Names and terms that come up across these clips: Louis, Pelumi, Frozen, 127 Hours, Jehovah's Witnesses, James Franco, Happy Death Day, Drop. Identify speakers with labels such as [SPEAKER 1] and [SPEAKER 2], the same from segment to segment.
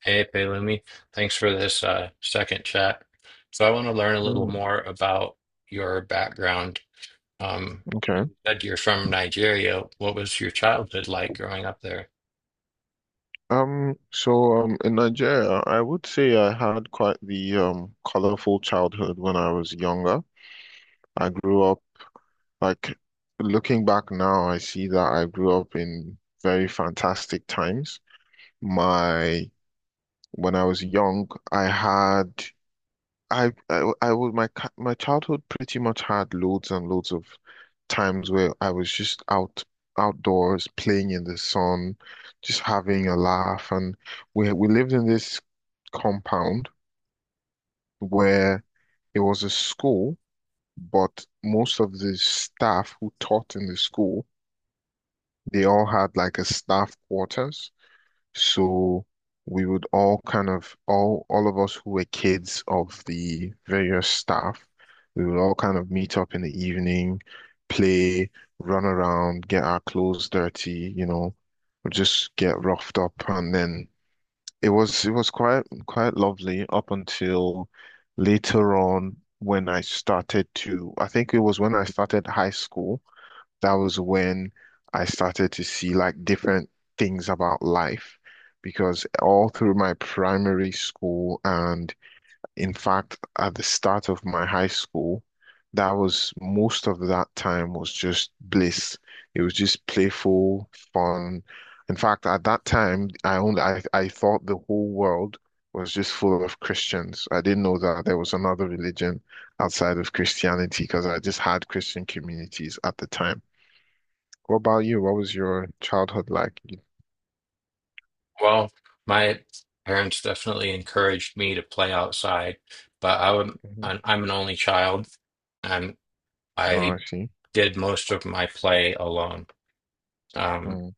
[SPEAKER 1] Hey, Pelumi, thanks for this second chat. So I want to learn a little
[SPEAKER 2] Mm,
[SPEAKER 1] more about your background. Um,
[SPEAKER 2] okay.
[SPEAKER 1] you said you're from Nigeria. What was your childhood like growing up there?
[SPEAKER 2] So in Nigeria, I would say I had quite the colorful childhood when I was younger. I grew up like looking back now, I see that I grew up in very fantastic times. My When I was young, I had I would my ca- my childhood pretty much had loads and loads of times where I was just outdoors playing in the sun, just having a laugh, and we lived in this compound where it was a school, but most of the staff who taught in the school, they all had like a staff quarters. So we would all of us who were kids of the various staff, we would all kind of meet up in the evening, play, run around, get our clothes dirty, or just get roughed up, and then it was quite lovely up until later on when I started to I think it was when I started high school. That was when I started to see like different things about life because all through my primary school and in fact at the start of my high school, that was most of that time was just bliss. It was just playful, fun. In fact, at that time, I thought the whole world was just full of Christians. I didn't know that there was another religion outside of Christianity because I just had Christian communities at the time. What about you? What was your childhood like?
[SPEAKER 1] Well, my parents definitely encouraged me to play outside, but
[SPEAKER 2] hmm
[SPEAKER 1] I'm an only child, and
[SPEAKER 2] Oh, I
[SPEAKER 1] I
[SPEAKER 2] see.
[SPEAKER 1] did most of my play alone. Um,
[SPEAKER 2] Mm.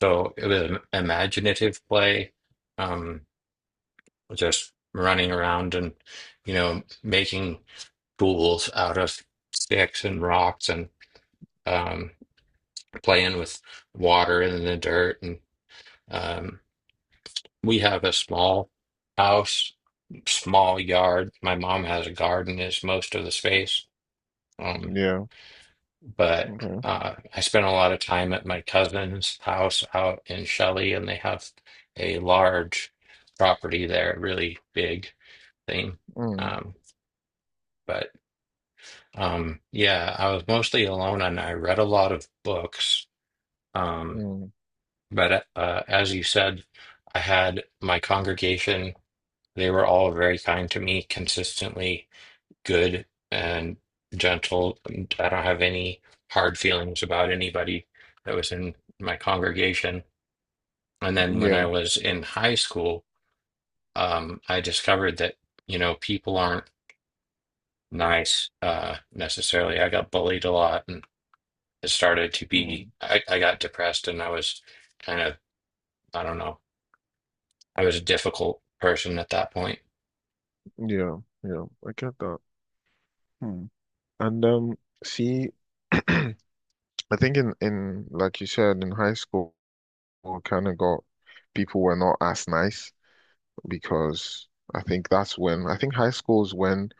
[SPEAKER 1] so it was imaginative play. Um, just running around and making tools out of sticks and rocks and um, playing with water and the dirt and um, we have a small house, small yard. My mom has a garden, is most of the space. um,
[SPEAKER 2] Yeah.
[SPEAKER 1] but
[SPEAKER 2] Okay.
[SPEAKER 1] I spend a lot of time at my cousin's house out in Shelley, and they have a large property there, really big thing.
[SPEAKER 2] Mm.
[SPEAKER 1] um, but yeah, I was mostly alone and I read a lot of books. Um,
[SPEAKER 2] Mm.
[SPEAKER 1] but as you said, I had my congregation, they were all very kind to me, consistently good and gentle. And I don't have any hard feelings about anybody that was in my congregation. And then when I
[SPEAKER 2] Yeah.
[SPEAKER 1] was in high school, I discovered that, people aren't nice necessarily. I got bullied a lot. It started to be,
[SPEAKER 2] Mm.
[SPEAKER 1] I got depressed and I was kind of, I don't know, I was a difficult person at that point.
[SPEAKER 2] Yeah. Yeah, I get that. Hmm. And see, I think in like you said in high school, kind of got people were not as nice because I think high school is when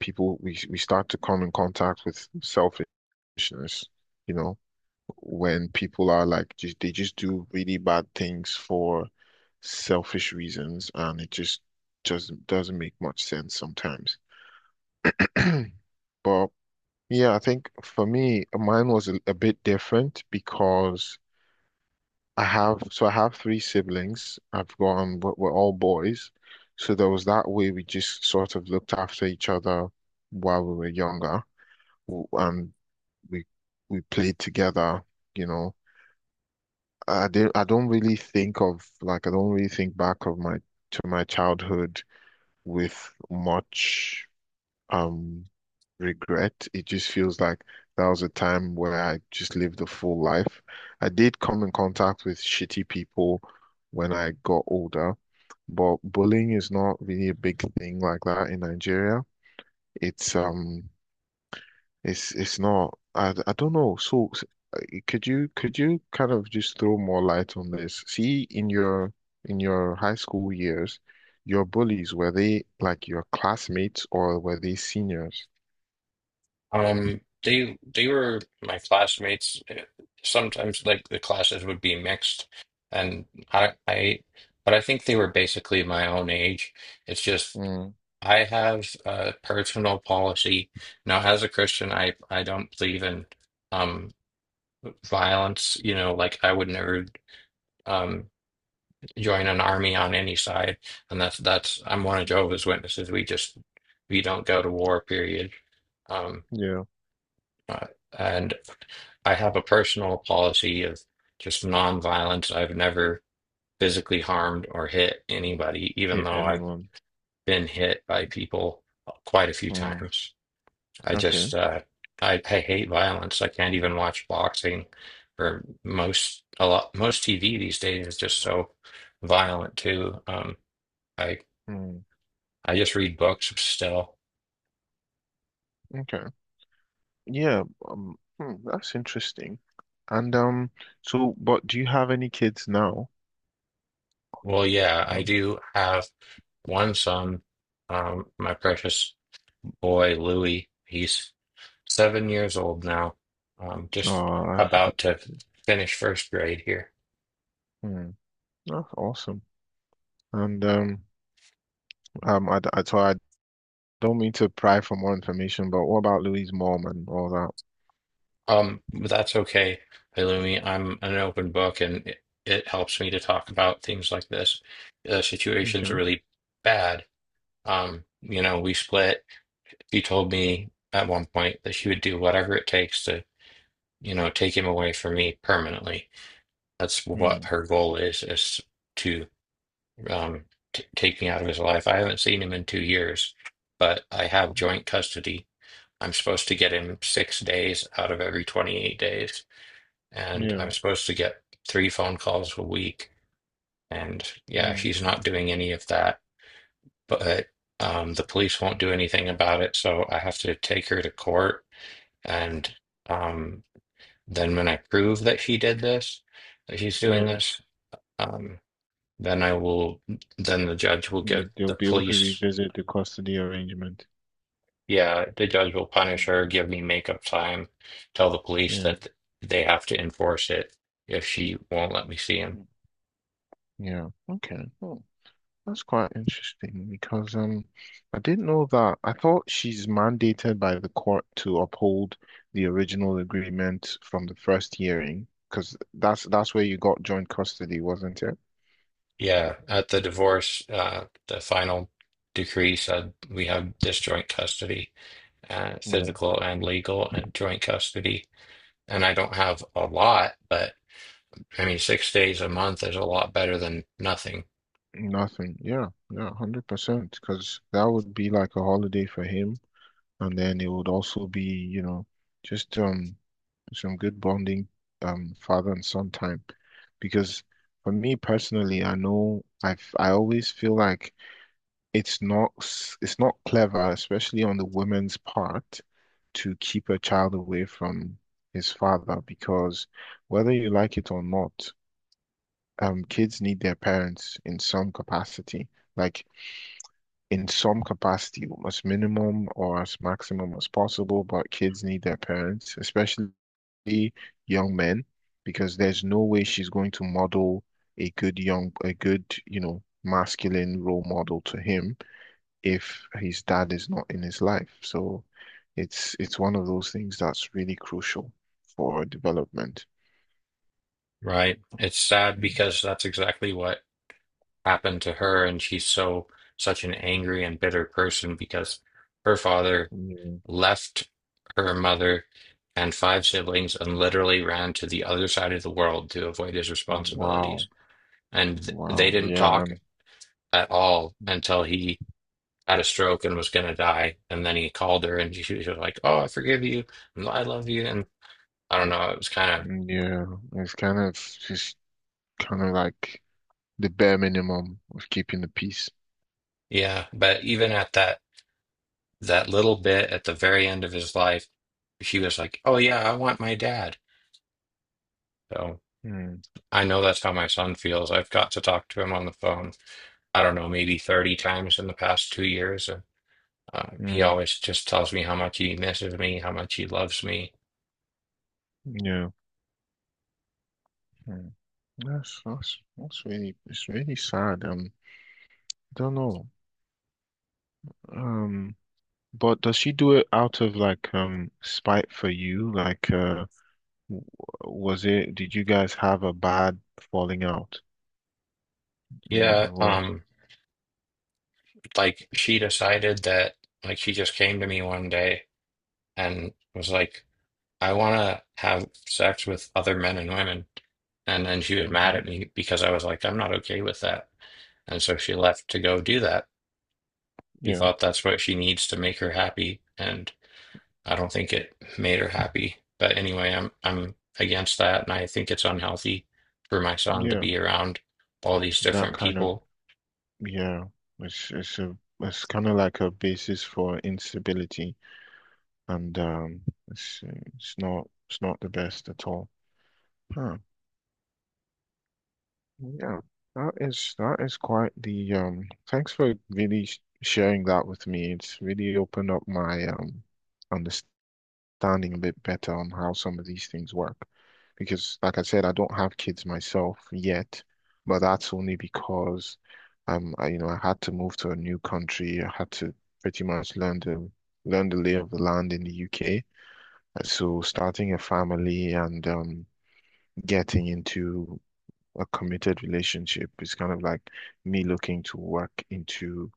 [SPEAKER 2] people we start to come in contact with selfishness. You know, when people are like just they just do really bad things for selfish reasons and it just doesn't make much sense sometimes. But yeah, I think for me, mine was a bit different because I have three siblings. I've got we're all boys, so there was that way we just sort of looked after each other while we were younger, W- and we we played together, you know. I don't really think back of my to my childhood with much um regret. It just feels like that was a time where I just lived a full life. I did come in contact with shitty people when I got older, but bullying is not really a big thing like that in Nigeria. It's um it's not. I don't know. Uh, could you kind of just throw more light on this? See, in your high school years, your bullies, were they like your classmates or were they seniors?
[SPEAKER 1] They were my classmates. Sometimes like the classes would be mixed, and I but I think they were basically my own age. It's just
[SPEAKER 2] Mm,
[SPEAKER 1] I have a personal policy now as a Christian. I don't believe in um violence. You know, like I would never um. join an army on any side, and that's I'm one of Jehovah's Witnesses. We don't go to war, period. Um,
[SPEAKER 2] yeah,
[SPEAKER 1] uh, and I have a personal policy of just nonviolence. I've never physically harmed or hit anybody, even
[SPEAKER 2] hit
[SPEAKER 1] though I've
[SPEAKER 2] anyone.
[SPEAKER 1] been hit by people quite a few
[SPEAKER 2] Mm,
[SPEAKER 1] times. I just
[SPEAKER 2] okay.
[SPEAKER 1] uh, I hate violence. I can't even watch boxing, or most a lot most TV these days is just so violent too. I.
[SPEAKER 2] Mm,
[SPEAKER 1] I just read books still.
[SPEAKER 2] okay. Yeah. That's interesting. And but do you have any kids now?
[SPEAKER 1] Well, yeah, I
[SPEAKER 2] Well.
[SPEAKER 1] do have one son, my precious boy Louis. He's 7 years old now, just
[SPEAKER 2] Oh, that's,
[SPEAKER 1] about to finish first grade here.
[SPEAKER 2] hmm, that's awesome. And I don't mean to pry for more information, but what about Louise Mom and all that?
[SPEAKER 1] But that's okay, Halumi. I'm an open book, and it helps me to talk about things like this. The situation's
[SPEAKER 2] Okay.
[SPEAKER 1] really bad. We split. She told me at one point that she would do whatever it takes to take him away from me permanently. That's what
[SPEAKER 2] Hmm.
[SPEAKER 1] her goal is to um, t take me out of his life. I haven't seen him in 2 years, but I have joint custody. I'm supposed to get him 6 days out of every 28 days, and I'm
[SPEAKER 2] Yeah.
[SPEAKER 1] supposed to get three phone calls a week. And yeah,
[SPEAKER 2] Hmm.
[SPEAKER 1] she's not doing any of that, but the police won't do anything about it, so I have to take her to court and. Um. Then when I prove that she did this, that she's doing
[SPEAKER 2] Yeah.
[SPEAKER 1] this, um, then I will, then the judge will give
[SPEAKER 2] You, they'll
[SPEAKER 1] the
[SPEAKER 2] be able to
[SPEAKER 1] police,
[SPEAKER 2] revisit the custody arrangement.
[SPEAKER 1] yeah, the judge will punish
[SPEAKER 2] Mm.
[SPEAKER 1] her, give me makeup time, tell the police
[SPEAKER 2] Yeah.
[SPEAKER 1] that they have to enforce it if she won't let me see him.
[SPEAKER 2] Mm. Yeah. Okay. Oh, that's quite interesting because I didn't know that. I thought she's mandated by the court to uphold the original agreement from the first hearing because that's where you got joint custody, wasn't it?
[SPEAKER 1] Yeah, at the divorce, the final decree said we have disjoint custody, physical and legal and joint custody. And I don't have a lot, but I mean, 6 days a month is a lot better than nothing,
[SPEAKER 2] Nothing. Yeah, yeah, 100%. Because that would be like a holiday for him. And then it would also be, you know, just some good bonding father and son time. Because for me personally, I know I've I always feel like it's not clever, especially on the woman's part, to keep a child away from his father because whether you like it or not, kids need their parents in some capacity. Like in some capacity as minimum or as maximum as possible, but kids need their parents, especially young men, because there's no way she's going to model a good, you know, masculine role model to him if his dad is not in his life. So it's one of those things that's really crucial for development.
[SPEAKER 1] right? It's sad
[SPEAKER 2] Mm.
[SPEAKER 1] because that's exactly what happened to her, and she's such an angry and bitter person because her father
[SPEAKER 2] Yeah.
[SPEAKER 1] left her mother and five siblings and literally ran to the other side of the world to avoid his
[SPEAKER 2] Wow.
[SPEAKER 1] responsibilities. And they
[SPEAKER 2] Wow.
[SPEAKER 1] didn't
[SPEAKER 2] Yeah.
[SPEAKER 1] talk
[SPEAKER 2] Um,
[SPEAKER 1] at all until he had a stroke and was going to die. And then he called her, and she was like, "Oh, I forgive you, and I love you," and I don't know. It was kind of.
[SPEAKER 2] yeah. It's kind of just kind of like the bare minimum of keeping the peace.
[SPEAKER 1] Yeah, but even at that, that little bit at the very end of his life, he was like, "Oh yeah, I want my dad." So
[SPEAKER 2] Mm,
[SPEAKER 1] I know that's how my son feels. I've got to talk to him on the phone, I don't know, maybe 30 times in the past 2 years. And he
[SPEAKER 2] mm,
[SPEAKER 1] always just tells me how much he misses me, how much he loves me.
[SPEAKER 2] yeah. Mm. That's really It's really sad. I don't know. Um, but does she do it out of like spite for you? W- was it? Did you guys have a bad falling out in the
[SPEAKER 1] Yeah,
[SPEAKER 2] divorce?
[SPEAKER 1] like she decided that, like she just came to me one day and was like, I want to have sex with other men and women. And then she was mad
[SPEAKER 2] Hmm.
[SPEAKER 1] at me because I was like, I'm not okay with that. And so she left to go do that. She
[SPEAKER 2] Yeah,
[SPEAKER 1] thought that's what she needs to make her happy. And I don't think it made her happy. But anyway, I'm against that. And I think it's unhealthy for my son to
[SPEAKER 2] yeah.
[SPEAKER 1] be around all these
[SPEAKER 2] That
[SPEAKER 1] different
[SPEAKER 2] kind of
[SPEAKER 1] people.
[SPEAKER 2] yeah. It's kind of like a basis for instability. And let's see, it's not the best at all. Huh. Yeah, that is quite the. Thanks for really sh sharing that with me. It's really opened up my understanding a bit better on how some of these things work. Because, like I said, I don't have kids myself yet, but that's only because you know, I had to move to a new country. I had to pretty much learn the lay of the land in the UK. So starting a family and getting into a committed relationship is kind of like me looking to work into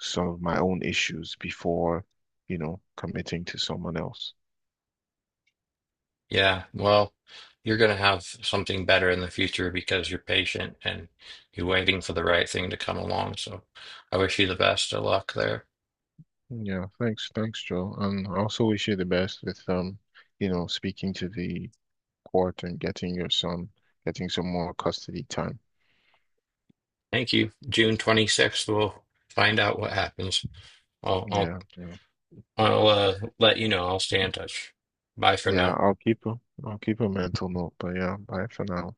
[SPEAKER 2] some of my own issues before, you know, committing to someone else.
[SPEAKER 1] Yeah, well, you're going to have something better in the future because you're patient and you're waiting for the right thing to come along. So I wish you the best of luck there.
[SPEAKER 2] Yeah, thanks, Joe. And I also wish you the best with you know, speaking to the court and getting some more custody time.
[SPEAKER 1] Thank you. June 26th, we'll find out what happens. I'll I'll
[SPEAKER 2] Yeah, yeah.
[SPEAKER 1] I'll let you know. I'll stay in touch. Bye for
[SPEAKER 2] Yeah,
[SPEAKER 1] now.
[SPEAKER 2] I'll keep a, I'll keep a mental note, but yeah, bye for now.